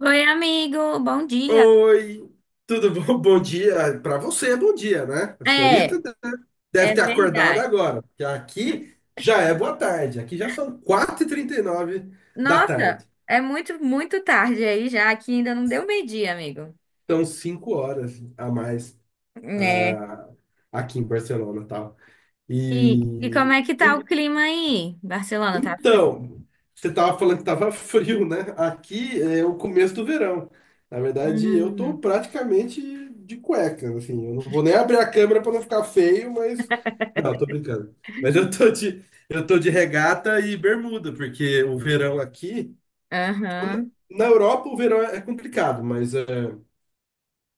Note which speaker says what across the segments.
Speaker 1: Oi, amigo, bom dia.
Speaker 2: Oi, tudo bom? Bom dia. Para você é bom dia, né? A senhorita
Speaker 1: É,
Speaker 2: deve
Speaker 1: é,
Speaker 2: ter acordado
Speaker 1: verdade.
Speaker 2: agora, porque aqui já é boa tarde. Aqui já são 4:39 da
Speaker 1: Nossa,
Speaker 2: tarde.
Speaker 1: é muito, muito tarde aí já, aqui ainda não deu meio-dia, amigo.
Speaker 2: Então, 5 horas a mais
Speaker 1: É.
Speaker 2: ah, aqui em Barcelona, tal.
Speaker 1: E como
Speaker 2: E,
Speaker 1: é que tá o
Speaker 2: e
Speaker 1: clima aí? Barcelona, tá frio?
Speaker 2: Então, você estava falando que estava frio, né? Aqui é o começo do verão. Na verdade, eu tô
Speaker 1: Hum,
Speaker 2: praticamente de cueca, assim. Eu não vou nem abrir a câmera para não ficar feio, mas não, eu tô brincando. Mas eu tô de regata e bermuda, porque o verão aqui na
Speaker 1: aham.
Speaker 2: na Europa o verão é complicado, mas é,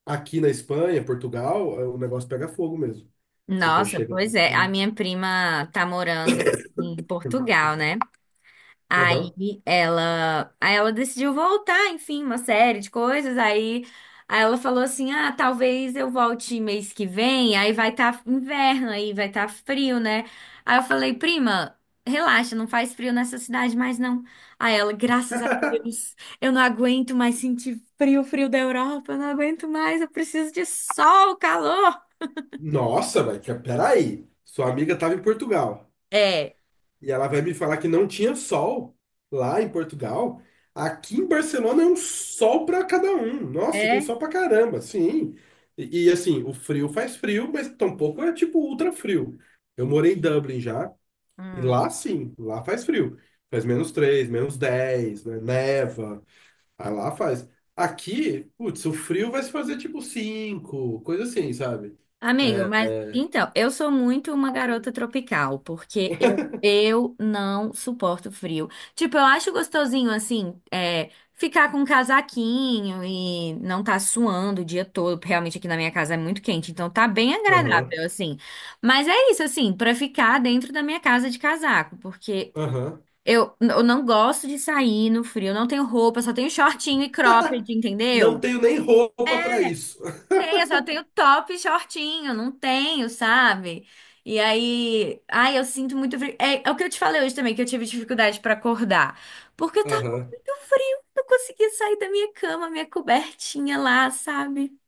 Speaker 2: aqui na Espanha, Portugal, é, o negócio pega fogo mesmo. Então
Speaker 1: Nossa,
Speaker 2: chega a
Speaker 1: pois é, a
Speaker 2: bater.
Speaker 1: minha prima tá morando em Portugal,
Speaker 2: Desculpa.
Speaker 1: né? Aí
Speaker 2: Aham.
Speaker 1: aí ela decidiu voltar, enfim, uma série de coisas. Aí, aí ela falou assim: "Ah, talvez eu volte mês que vem, aí vai estar inverno aí, vai estar frio, né?" Aí eu falei: "Prima, relaxa, não faz frio nessa cidade mais não." Aí ela: "Graças a Deus, eu não aguento mais sentir frio, frio da Europa, eu não aguento mais, eu preciso de sol, calor."
Speaker 2: Nossa, velho, peraí. Sua amiga estava em Portugal.
Speaker 1: É,
Speaker 2: E ela vai me falar que não tinha sol lá em Portugal. Aqui em Barcelona é um sol para cada um. Nossa, tem
Speaker 1: é.
Speaker 2: sol para caramba, sim. Assim, o frio faz frio, mas tampouco é tipo ultra frio. Eu morei em Dublin já, e
Speaker 1: Hum.
Speaker 2: lá sim, lá faz frio. Faz -3, -10, né? Neva, aí lá faz. Aqui, putz, o frio vai se fazer tipo 5, coisa assim, sabe?
Speaker 1: Amigo,
Speaker 2: É,
Speaker 1: mas
Speaker 2: é,
Speaker 1: então, eu sou muito uma garota tropical, porque eu não suporto frio. Tipo, eu acho gostosinho assim, é, ficar com um casaquinho e não tá suando o dia todo porque realmente aqui na minha casa é muito quente, então tá bem
Speaker 2: aham,
Speaker 1: agradável, assim. Mas é isso, assim, pra ficar dentro da minha casa de casaco, porque
Speaker 2: aham.
Speaker 1: eu não gosto de sair no frio, eu não tenho roupa, só tenho shortinho e cropped,
Speaker 2: Não
Speaker 1: entendeu?
Speaker 2: tenho nem roupa para isso.
Speaker 1: Tenho, eu só tenho top e shortinho, não tenho, sabe? E aí, ai, eu sinto muito frio. É, é o que eu te falei hoje também, que eu tive dificuldade pra acordar. Porque eu tava com muito frio, não conseguia sair da minha cama, minha cobertinha lá, sabe?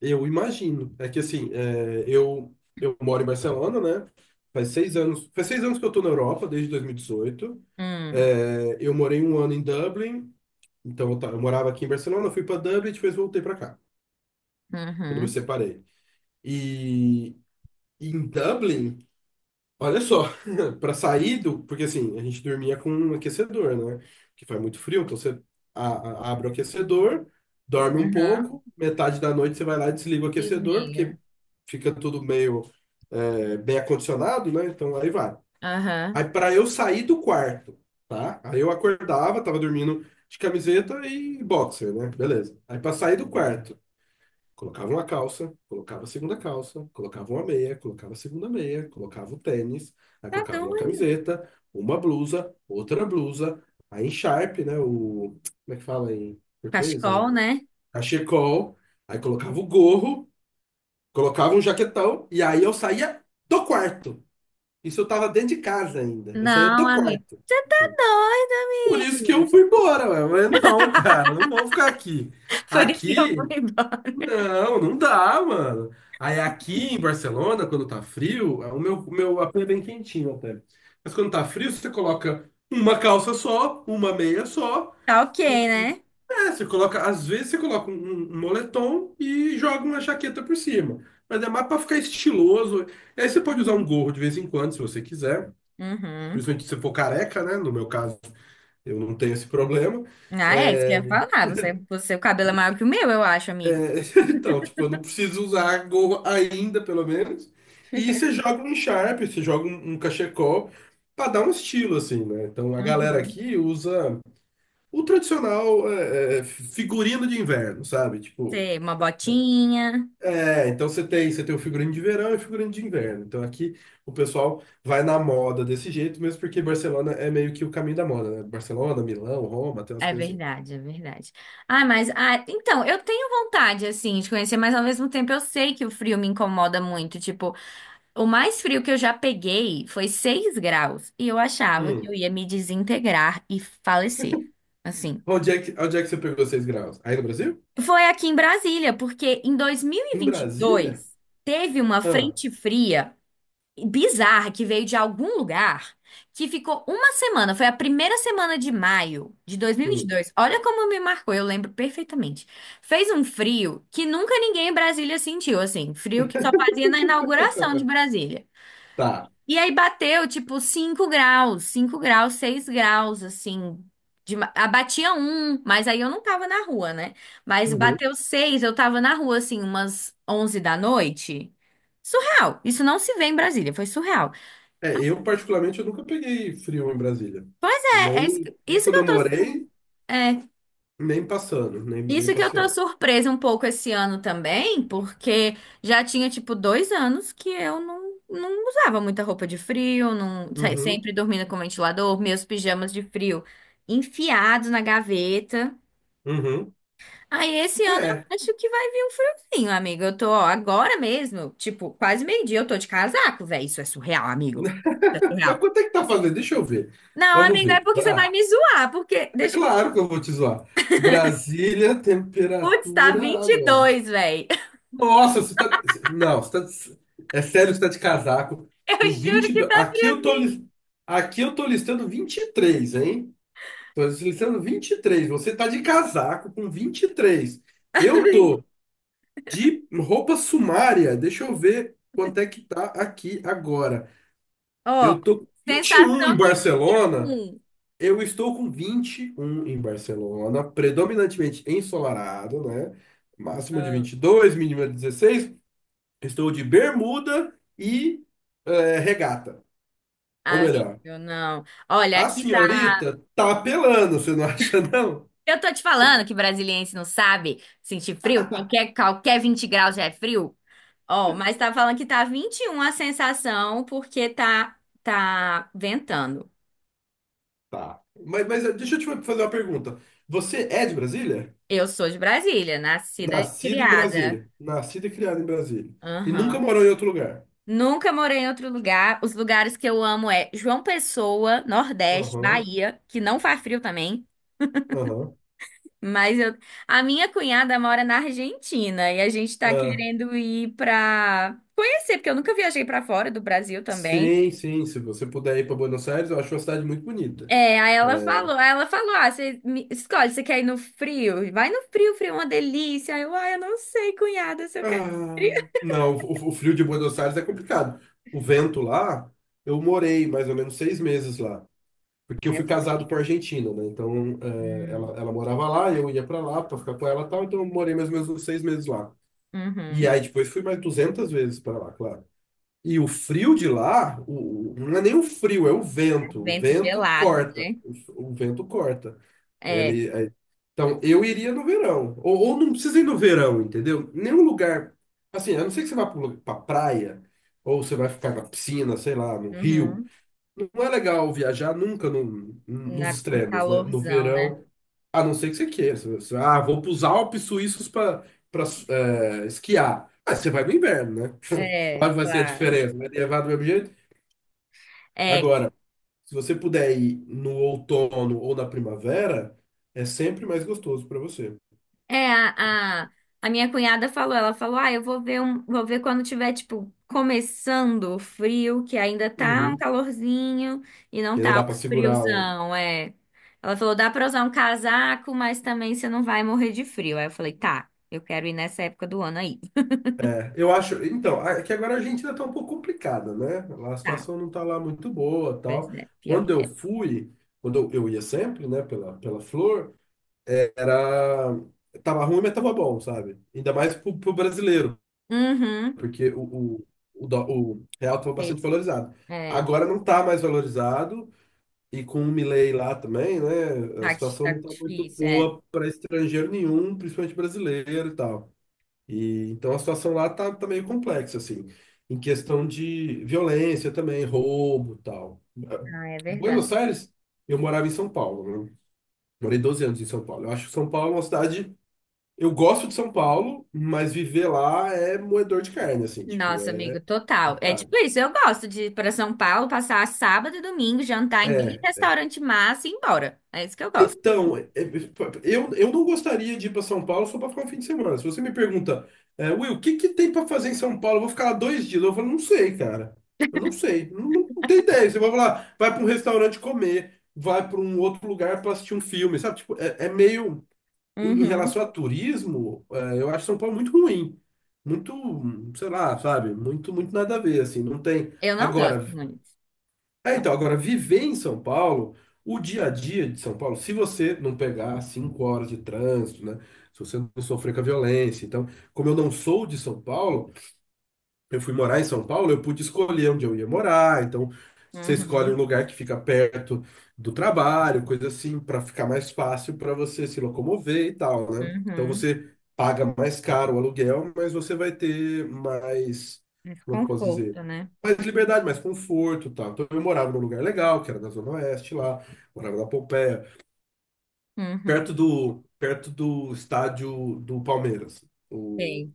Speaker 2: Eu imagino. É que assim, eu moro em Barcelona, né? Faz 6 anos, faz 6 anos que eu tô na Europa, desde 2018.
Speaker 1: Hum,
Speaker 2: É, eu morei um ano em Dublin, então eu morava aqui em Barcelona, fui para Dublin e depois voltei para cá, quando me
Speaker 1: uhum,
Speaker 2: separei. E em Dublin, olha só, para sair do. Porque assim, a gente dormia com um aquecedor, né? Que faz muito frio, então você abre o aquecedor, dorme um
Speaker 1: uhum.
Speaker 2: pouco, metade da noite você vai lá e desliga o
Speaker 1: Diz,
Speaker 2: aquecedor,
Speaker 1: miga.
Speaker 2: porque fica tudo meio bem acondicionado, né? Então aí vai.
Speaker 1: Aham.
Speaker 2: Aí para eu sair do quarto, tá? Aí eu acordava, tava dormindo de camiseta e boxer, né? Beleza. Aí para sair do quarto. Colocava uma calça, colocava a segunda calça, colocava uma meia, colocava a segunda meia, colocava o tênis, aí
Speaker 1: Tá
Speaker 2: colocava uma
Speaker 1: doido.
Speaker 2: camiseta, uma blusa, outra blusa, aí encharpe, né? Como é que fala em português?
Speaker 1: Cachecol, né?
Speaker 2: Cachecol, aí colocava o gorro, colocava um jaquetão, e aí eu saía do quarto. Isso eu tava dentro de casa ainda. Eu saía
Speaker 1: Não,
Speaker 2: do
Speaker 1: amigo.
Speaker 2: quarto.
Speaker 1: Você tá doido.
Speaker 2: Por isso que eu fui embora, ué. Mas não, cara, não vamos ficar aqui.
Speaker 1: Foi isso que eu
Speaker 2: Aqui
Speaker 1: fui embora.
Speaker 2: não, não dá, mano. Aí aqui em Barcelona, quando tá frio, é o meu AP é bem quentinho até. Mas quando tá frio, você coloca uma calça só, uma meia só.
Speaker 1: Tá ok, né?
Speaker 2: É, você coloca, às vezes você coloca um moletom e joga uma jaqueta por cima. Mas é mais pra ficar estiloso. E aí você pode usar um
Speaker 1: Uhum.
Speaker 2: gorro de vez em quando, se você quiser.
Speaker 1: Uhum.
Speaker 2: Principalmente se você for careca, né? No meu caso, eu não tenho esse problema.
Speaker 1: Ah, é, isso que eu
Speaker 2: É.
Speaker 1: ia falar. Você, o cabelo é maior que o meu, eu acho, amigo.
Speaker 2: Então, tipo, eu não preciso usar gorro ainda, pelo menos. E você joga um Sharp, você joga um cachecol pra dar um estilo, assim, né? Então a galera
Speaker 1: Uhum.
Speaker 2: aqui usa o tradicional figurino de inverno, sabe? Tipo,
Speaker 1: Você, uma botinha.
Speaker 2: então você tem o figurino de verão e o figurino de inverno. Então aqui o pessoal vai na moda desse jeito, mesmo porque Barcelona é meio que o caminho da moda, né? Barcelona, Milão, Roma, tem umas
Speaker 1: É
Speaker 2: coisas assim.
Speaker 1: verdade, é verdade. Ah, mas, ah, então, eu tenho vontade, assim, de conhecer, mas ao mesmo tempo eu sei que o frio me incomoda muito. Tipo, o mais frio que eu já peguei foi 6 graus e eu achava que
Speaker 2: Hum.
Speaker 1: eu ia me desintegrar e falecer. Assim,
Speaker 2: Onde é que você pegou 6 graus? Aí no Brasil?
Speaker 1: foi aqui em Brasília, porque em
Speaker 2: Em Brasília?
Speaker 1: 2022 teve uma
Speaker 2: Ah.
Speaker 1: frente fria bizarra que veio de algum lugar, que ficou uma semana, foi a primeira semana de maio de dois mil e vinte e
Speaker 2: Hum.
Speaker 1: dois. Olha como me marcou, eu lembro perfeitamente. Fez um frio que nunca ninguém em Brasília sentiu, assim, frio que só fazia na inauguração de Brasília.
Speaker 2: Tá.
Speaker 1: E aí bateu tipo 5 graus, 5 graus, 6 graus, assim. De, ah, batia um, mas aí eu não tava na rua, né? Mas
Speaker 2: Uhum.
Speaker 1: bateu seis, eu tava na rua, assim, umas 11 da noite. Surreal. Isso não se vê em Brasília, foi surreal.
Speaker 2: Eu particularmente eu nunca peguei frio em Brasília.
Speaker 1: Pois é, é
Speaker 2: Nem, nem
Speaker 1: isso que
Speaker 2: quando
Speaker 1: eu
Speaker 2: eu
Speaker 1: tô, su-
Speaker 2: morei,
Speaker 1: é,
Speaker 2: nem passando, nem
Speaker 1: isso que eu tô
Speaker 2: passeando.
Speaker 1: surpresa um pouco esse ano também, porque já tinha, tipo, 2 anos que eu não usava muita roupa de frio, não,
Speaker 2: Uhum.
Speaker 1: sempre dormindo com ventilador, meus pijamas de frio enfiados na gaveta.
Speaker 2: Uhum.
Speaker 1: Aí esse ano eu
Speaker 2: É.
Speaker 1: acho que vai vir um friozinho, amigo. Eu tô, ó, agora mesmo, tipo, quase meio-dia eu tô de casaco, velho. Isso é surreal, amigo. Isso é
Speaker 2: Mas
Speaker 1: surreal.
Speaker 2: quanto é que tá fazendo? Deixa eu ver.
Speaker 1: Não,
Speaker 2: Vamos
Speaker 1: amigo, é
Speaker 2: ver.
Speaker 1: porque você vai me zoar, porque
Speaker 2: É
Speaker 1: deixa eu
Speaker 2: claro
Speaker 1: ver.
Speaker 2: que eu vou te zoar. Brasília,
Speaker 1: Putz, tá
Speaker 2: temperatura
Speaker 1: vinte e
Speaker 2: agora.
Speaker 1: dois velho.
Speaker 2: Nossa, você tá. Não, você tá. É sério que você tá de casaco.
Speaker 1: Eu
Speaker 2: Com
Speaker 1: juro que
Speaker 2: 22.
Speaker 1: tá friozinho.
Speaker 2: Aqui eu tô listando 23, hein? Tô deslizando 23. Você tá de casaco com 23. Eu tô de roupa sumária. Deixa eu ver quanto é que tá aqui agora.
Speaker 1: Ó,
Speaker 2: Eu tô com 21 em
Speaker 1: sensação de
Speaker 2: Barcelona.
Speaker 1: 21.
Speaker 2: Eu estou com 21 em Barcelona, predominantemente ensolarado, né? Máxima de
Speaker 1: Ah,
Speaker 2: 22, mínima de 16. Estou de bermuda e regata. Ou melhor,
Speaker 1: amigo, não. Olha,
Speaker 2: a
Speaker 1: aqui tá.
Speaker 2: senhorita tá apelando, você não acha, não?
Speaker 1: Eu tô te falando que brasiliense não sabe sentir frio. Qualquer 20 graus já é frio. Ó, mas tá falando que tá 21 a sensação porque tá ventando.
Speaker 2: Tá. Mas, deixa eu te fazer uma pergunta. Você é de Brasília?
Speaker 1: Eu sou de Brasília, nascida e
Speaker 2: Nascido em
Speaker 1: criada.
Speaker 2: Brasília. Nascido e criado em Brasília. E nunca
Speaker 1: Aham.
Speaker 2: morou em outro lugar.
Speaker 1: Nunca morei em outro lugar. Os lugares que eu amo é João Pessoa, Nordeste,
Speaker 2: Aham,
Speaker 1: Bahia, que não faz frio também.
Speaker 2: aham.
Speaker 1: Mas eu... a minha cunhada mora na Argentina e a gente tá
Speaker 2: Ah,
Speaker 1: querendo ir pra conhecer, porque eu nunca viajei pra fora do Brasil também.
Speaker 2: sim, sim. Se você puder ir para Buenos Aires, eu acho uma cidade muito bonita.
Speaker 1: É, aí ela falou, ah, você escolhe, você quer ir no frio? Vai no frio, frio é uma delícia. Aí eu, ah, eu não sei, cunhada, se eu
Speaker 2: Ah,
Speaker 1: quero frio.
Speaker 2: não, o frio de Buenos Aires é complicado. O vento lá, eu morei mais ou menos 6 meses lá. Porque eu fui casado com
Speaker 1: Nervento.
Speaker 2: a Argentina, né? Então,
Speaker 1: Hum,
Speaker 2: ela morava lá, eu ia para lá para ficar com ela e tal. Então, eu morei mais ou menos uns 6 meses lá. E
Speaker 1: uhum.
Speaker 2: aí depois fui mais 200 vezes para lá, claro. E o frio de lá, não é nem o frio, é o
Speaker 1: É
Speaker 2: vento. O
Speaker 1: vento
Speaker 2: vento
Speaker 1: gelado,
Speaker 2: corta.
Speaker 1: né?
Speaker 2: O vento corta.
Speaker 1: É.
Speaker 2: Ele, aí- então, eu iria no verão. Ou não precisa ir no verão, entendeu? Nenhum lugar. Assim, a não ser que você vá para pra praia, ou você vai ficar na piscina, sei lá, no rio.
Speaker 1: Uhum.
Speaker 2: Não é legal viajar nunca nos
Speaker 1: Na, um
Speaker 2: extremos, né? No
Speaker 1: calorzão, né?
Speaker 2: verão, a não ser que você queira. Vou para os Alpes suíços para esquiar. Ah, você vai no inverno, né?
Speaker 1: É,
Speaker 2: Qual vai ser a
Speaker 1: claro.
Speaker 2: diferença? Vai levar do mesmo jeito?
Speaker 1: É,
Speaker 2: Agora, se você puder ir no outono ou na primavera, é sempre mais gostoso para você.
Speaker 1: é a minha cunhada falou, ela falou, ah, eu vou ver um, vou ver quando tiver, tipo, começando o frio, que ainda tá um
Speaker 2: Uhum.
Speaker 1: calorzinho e não
Speaker 2: Porque ainda
Speaker 1: tá
Speaker 2: dá
Speaker 1: o
Speaker 2: para segurar.
Speaker 1: friozão, é. Ela falou, dá pra usar um casaco, mas também você não vai morrer de frio. Aí eu falei, tá, eu quero ir nessa época do ano aí.
Speaker 2: Eu acho, então, é que agora a Argentina tá um pouco complicada, né? Lá A
Speaker 1: Tá,
Speaker 2: situação não tá lá muito boa,
Speaker 1: pois
Speaker 2: tal.
Speaker 1: é, pior
Speaker 2: Quando
Speaker 1: que
Speaker 2: eu
Speaker 1: é.
Speaker 2: fui, quando eu ia sempre, né, pela Flor, era tava ruim, mas tava bom, sabe? Ainda mais pro brasileiro,
Speaker 1: Uhum.
Speaker 2: porque o real tava bastante valorizado.
Speaker 1: É,
Speaker 2: Agora não tá mais valorizado e com o Milei lá também, né? A
Speaker 1: tá,
Speaker 2: situação
Speaker 1: tá
Speaker 2: não tá muito
Speaker 1: difícil, é.
Speaker 2: boa para estrangeiro nenhum, principalmente brasileiro e tal. E, então a situação lá tá meio complexa, assim, em questão de violência também, roubo e tal.
Speaker 1: Ah, é
Speaker 2: Buenos
Speaker 1: verdade.
Speaker 2: Aires, eu morava em São Paulo, né? Morei 12 anos em São Paulo. Eu acho que São Paulo é uma cidade. Eu gosto de São Paulo, mas viver lá é moedor de carne, assim, tipo,
Speaker 1: Nossa,
Speaker 2: é
Speaker 1: amigo, total. É
Speaker 2: complicado.
Speaker 1: tipo isso, eu gosto de ir pra São Paulo, passar sábado e domingo, jantar em bem
Speaker 2: É,
Speaker 1: restaurante massa e ir embora. É isso que eu gosto.
Speaker 2: Então, eu não gostaria de ir para São Paulo só para ficar um fim de semana. Se você me pergunta, Will, o que que tem para fazer em São Paulo? Eu vou ficar lá 2 dias. Eu falo, não sei, cara. Eu não sei. Não, não, não tenho ideia. Você vai lá, vai para um restaurante comer, vai para um outro lugar para assistir um filme, sabe? Tipo, é meio. Em
Speaker 1: Uhum.
Speaker 2: relação a turismo, eu acho São Paulo muito ruim. Muito, sei lá, sabe? Muito, muito nada a ver, assim. Não tem.
Speaker 1: Eu não gosto
Speaker 2: Agora.
Speaker 1: muito.
Speaker 2: Então, agora, viver em São Paulo, o dia a dia de São Paulo, se você não pegar 5 horas de trânsito, né? Se você não sofrer com a violência. Então, como eu não sou de São Paulo, eu fui morar em São Paulo, eu pude escolher onde eu ia morar. Então, você escolhe
Speaker 1: Uhum,
Speaker 2: um lugar que fica perto do trabalho, coisa assim, para ficar mais fácil para você se locomover e tal, né? Então,
Speaker 1: uhum.
Speaker 2: você paga mais caro o aluguel, mas você vai ter mais,
Speaker 1: Mas
Speaker 2: como é que eu posso dizer?
Speaker 1: conforto, né?
Speaker 2: Mais liberdade, mais conforto, e tal. Então, eu morava num lugar legal, que era na Zona Oeste lá, morava na Pompeia, perto
Speaker 1: Uhum.
Speaker 2: do perto do estádio do Palmeiras.
Speaker 1: Sei,
Speaker 2: O,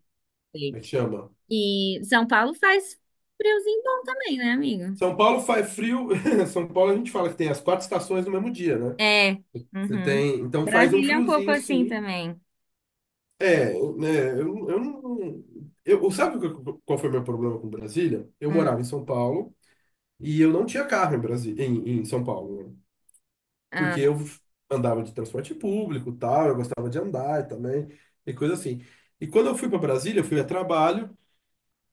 Speaker 1: sei.
Speaker 2: Como é que chama?
Speaker 1: E São Paulo faz friozinho bom também, né, amigo?
Speaker 2: São Paulo faz frio. São Paulo a gente fala que tem as quatro estações no mesmo dia, né?
Speaker 1: É.
Speaker 2: Você
Speaker 1: Uhum.
Speaker 2: tem, então faz um
Speaker 1: Brasília é um pouco
Speaker 2: friozinho,
Speaker 1: assim
Speaker 2: sim.
Speaker 1: também.
Speaker 2: Né, eu não. Eu, sabe o que- Qual foi meu problema com Brasília? Eu morava
Speaker 1: Hum,
Speaker 2: em São Paulo e eu não tinha carro em Brasília, em São Paulo, né? Porque
Speaker 1: ah,
Speaker 2: eu andava de transporte público, e tal, eu gostava de andar também, e coisa assim. E quando eu fui para Brasília, eu fui a trabalho.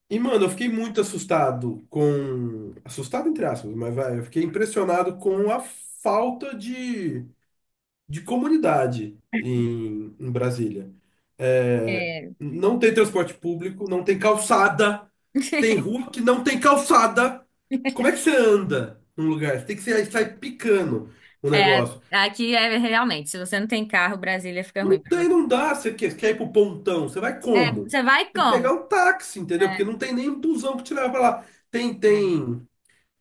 Speaker 2: E, mano, eu fiquei muito assustado com. Assustado, entre aspas, mas vai, eu fiquei impressionado com a falta de comunidade em Brasília. É,
Speaker 1: é,
Speaker 2: não tem transporte público, não tem calçada, tem rua que não tem calçada. Como é que você anda num lugar? Você tem que sair picando o negócio.
Speaker 1: aqui é realmente, se você não tem carro, Brasília fica ruim
Speaker 2: Não
Speaker 1: pra
Speaker 2: tem,
Speaker 1: você.
Speaker 2: não dá. Você quer ir pro pontão, você vai
Speaker 1: É,
Speaker 2: como?
Speaker 1: você vai
Speaker 2: Tem que pegar
Speaker 1: como?
Speaker 2: um táxi, entendeu?
Speaker 1: É,
Speaker 2: Porque não tem nem busão que te leva pra lá. Tem,
Speaker 1: é,
Speaker 2: tem.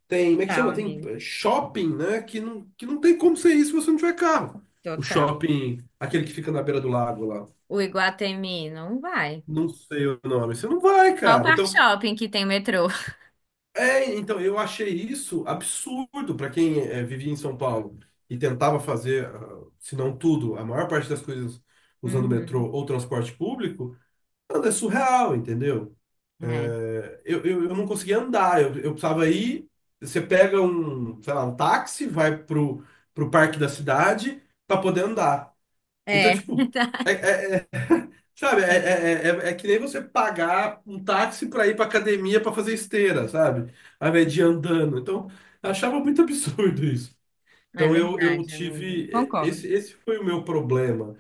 Speaker 2: Tem, como é que
Speaker 1: total,
Speaker 2: chama? Tem
Speaker 1: amigo.
Speaker 2: shopping, né? Que não tem como ser isso se você não tiver carro. O
Speaker 1: Total.
Speaker 2: shopping, aquele que
Speaker 1: E
Speaker 2: fica na beira do lago lá.
Speaker 1: o Iguatemi não vai.
Speaker 2: Não sei o nome. Você não vai,
Speaker 1: Só o
Speaker 2: cara.
Speaker 1: Parque
Speaker 2: Então,
Speaker 1: Shopping que tem metrô.
Speaker 2: então eu achei isso absurdo para quem vivia em São Paulo e tentava fazer, se não tudo, a maior parte das coisas usando
Speaker 1: Uhum.
Speaker 2: metrô ou transporte público. Mano, é surreal, entendeu? Eu não conseguia andar, eu precisava ir. Você pega um, sei lá, um táxi, vai pro parque da cidade para poder andar. Então,
Speaker 1: É, é,
Speaker 2: tipo, é, é- é- sabe, é que nem você pagar um táxi para ir pra academia para fazer esteira, sabe? Ao invés de ir andando. Então, eu achava muito absurdo isso.
Speaker 1: é
Speaker 2: Então, eu
Speaker 1: verdade, amigo.
Speaker 2: tive.
Speaker 1: Concordo.
Speaker 2: Esse foi o meu problema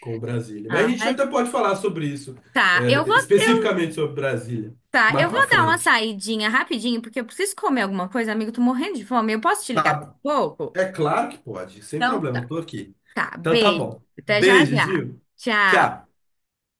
Speaker 2: com Brasília. Mas a
Speaker 1: Ah,
Speaker 2: gente
Speaker 1: mas
Speaker 2: até pode falar sobre isso,
Speaker 1: tá.
Speaker 2: especificamente sobre Brasília,
Speaker 1: Tá,
Speaker 2: mais
Speaker 1: eu
Speaker 2: para
Speaker 1: vou dar uma
Speaker 2: frente.
Speaker 1: saidinha rapidinho, porque eu preciso comer alguma coisa, amigo. Tô morrendo de fome. Eu posso te ligar daqui a
Speaker 2: Tá,
Speaker 1: pouco?
Speaker 2: é claro que pode, sem
Speaker 1: Então
Speaker 2: problema, eu
Speaker 1: tá.
Speaker 2: tô aqui.
Speaker 1: Tá,
Speaker 2: Então tá
Speaker 1: beijo.
Speaker 2: bom.
Speaker 1: Até já
Speaker 2: Beijo,
Speaker 1: já.
Speaker 2: Gil.
Speaker 1: Tchau.
Speaker 2: Tchau.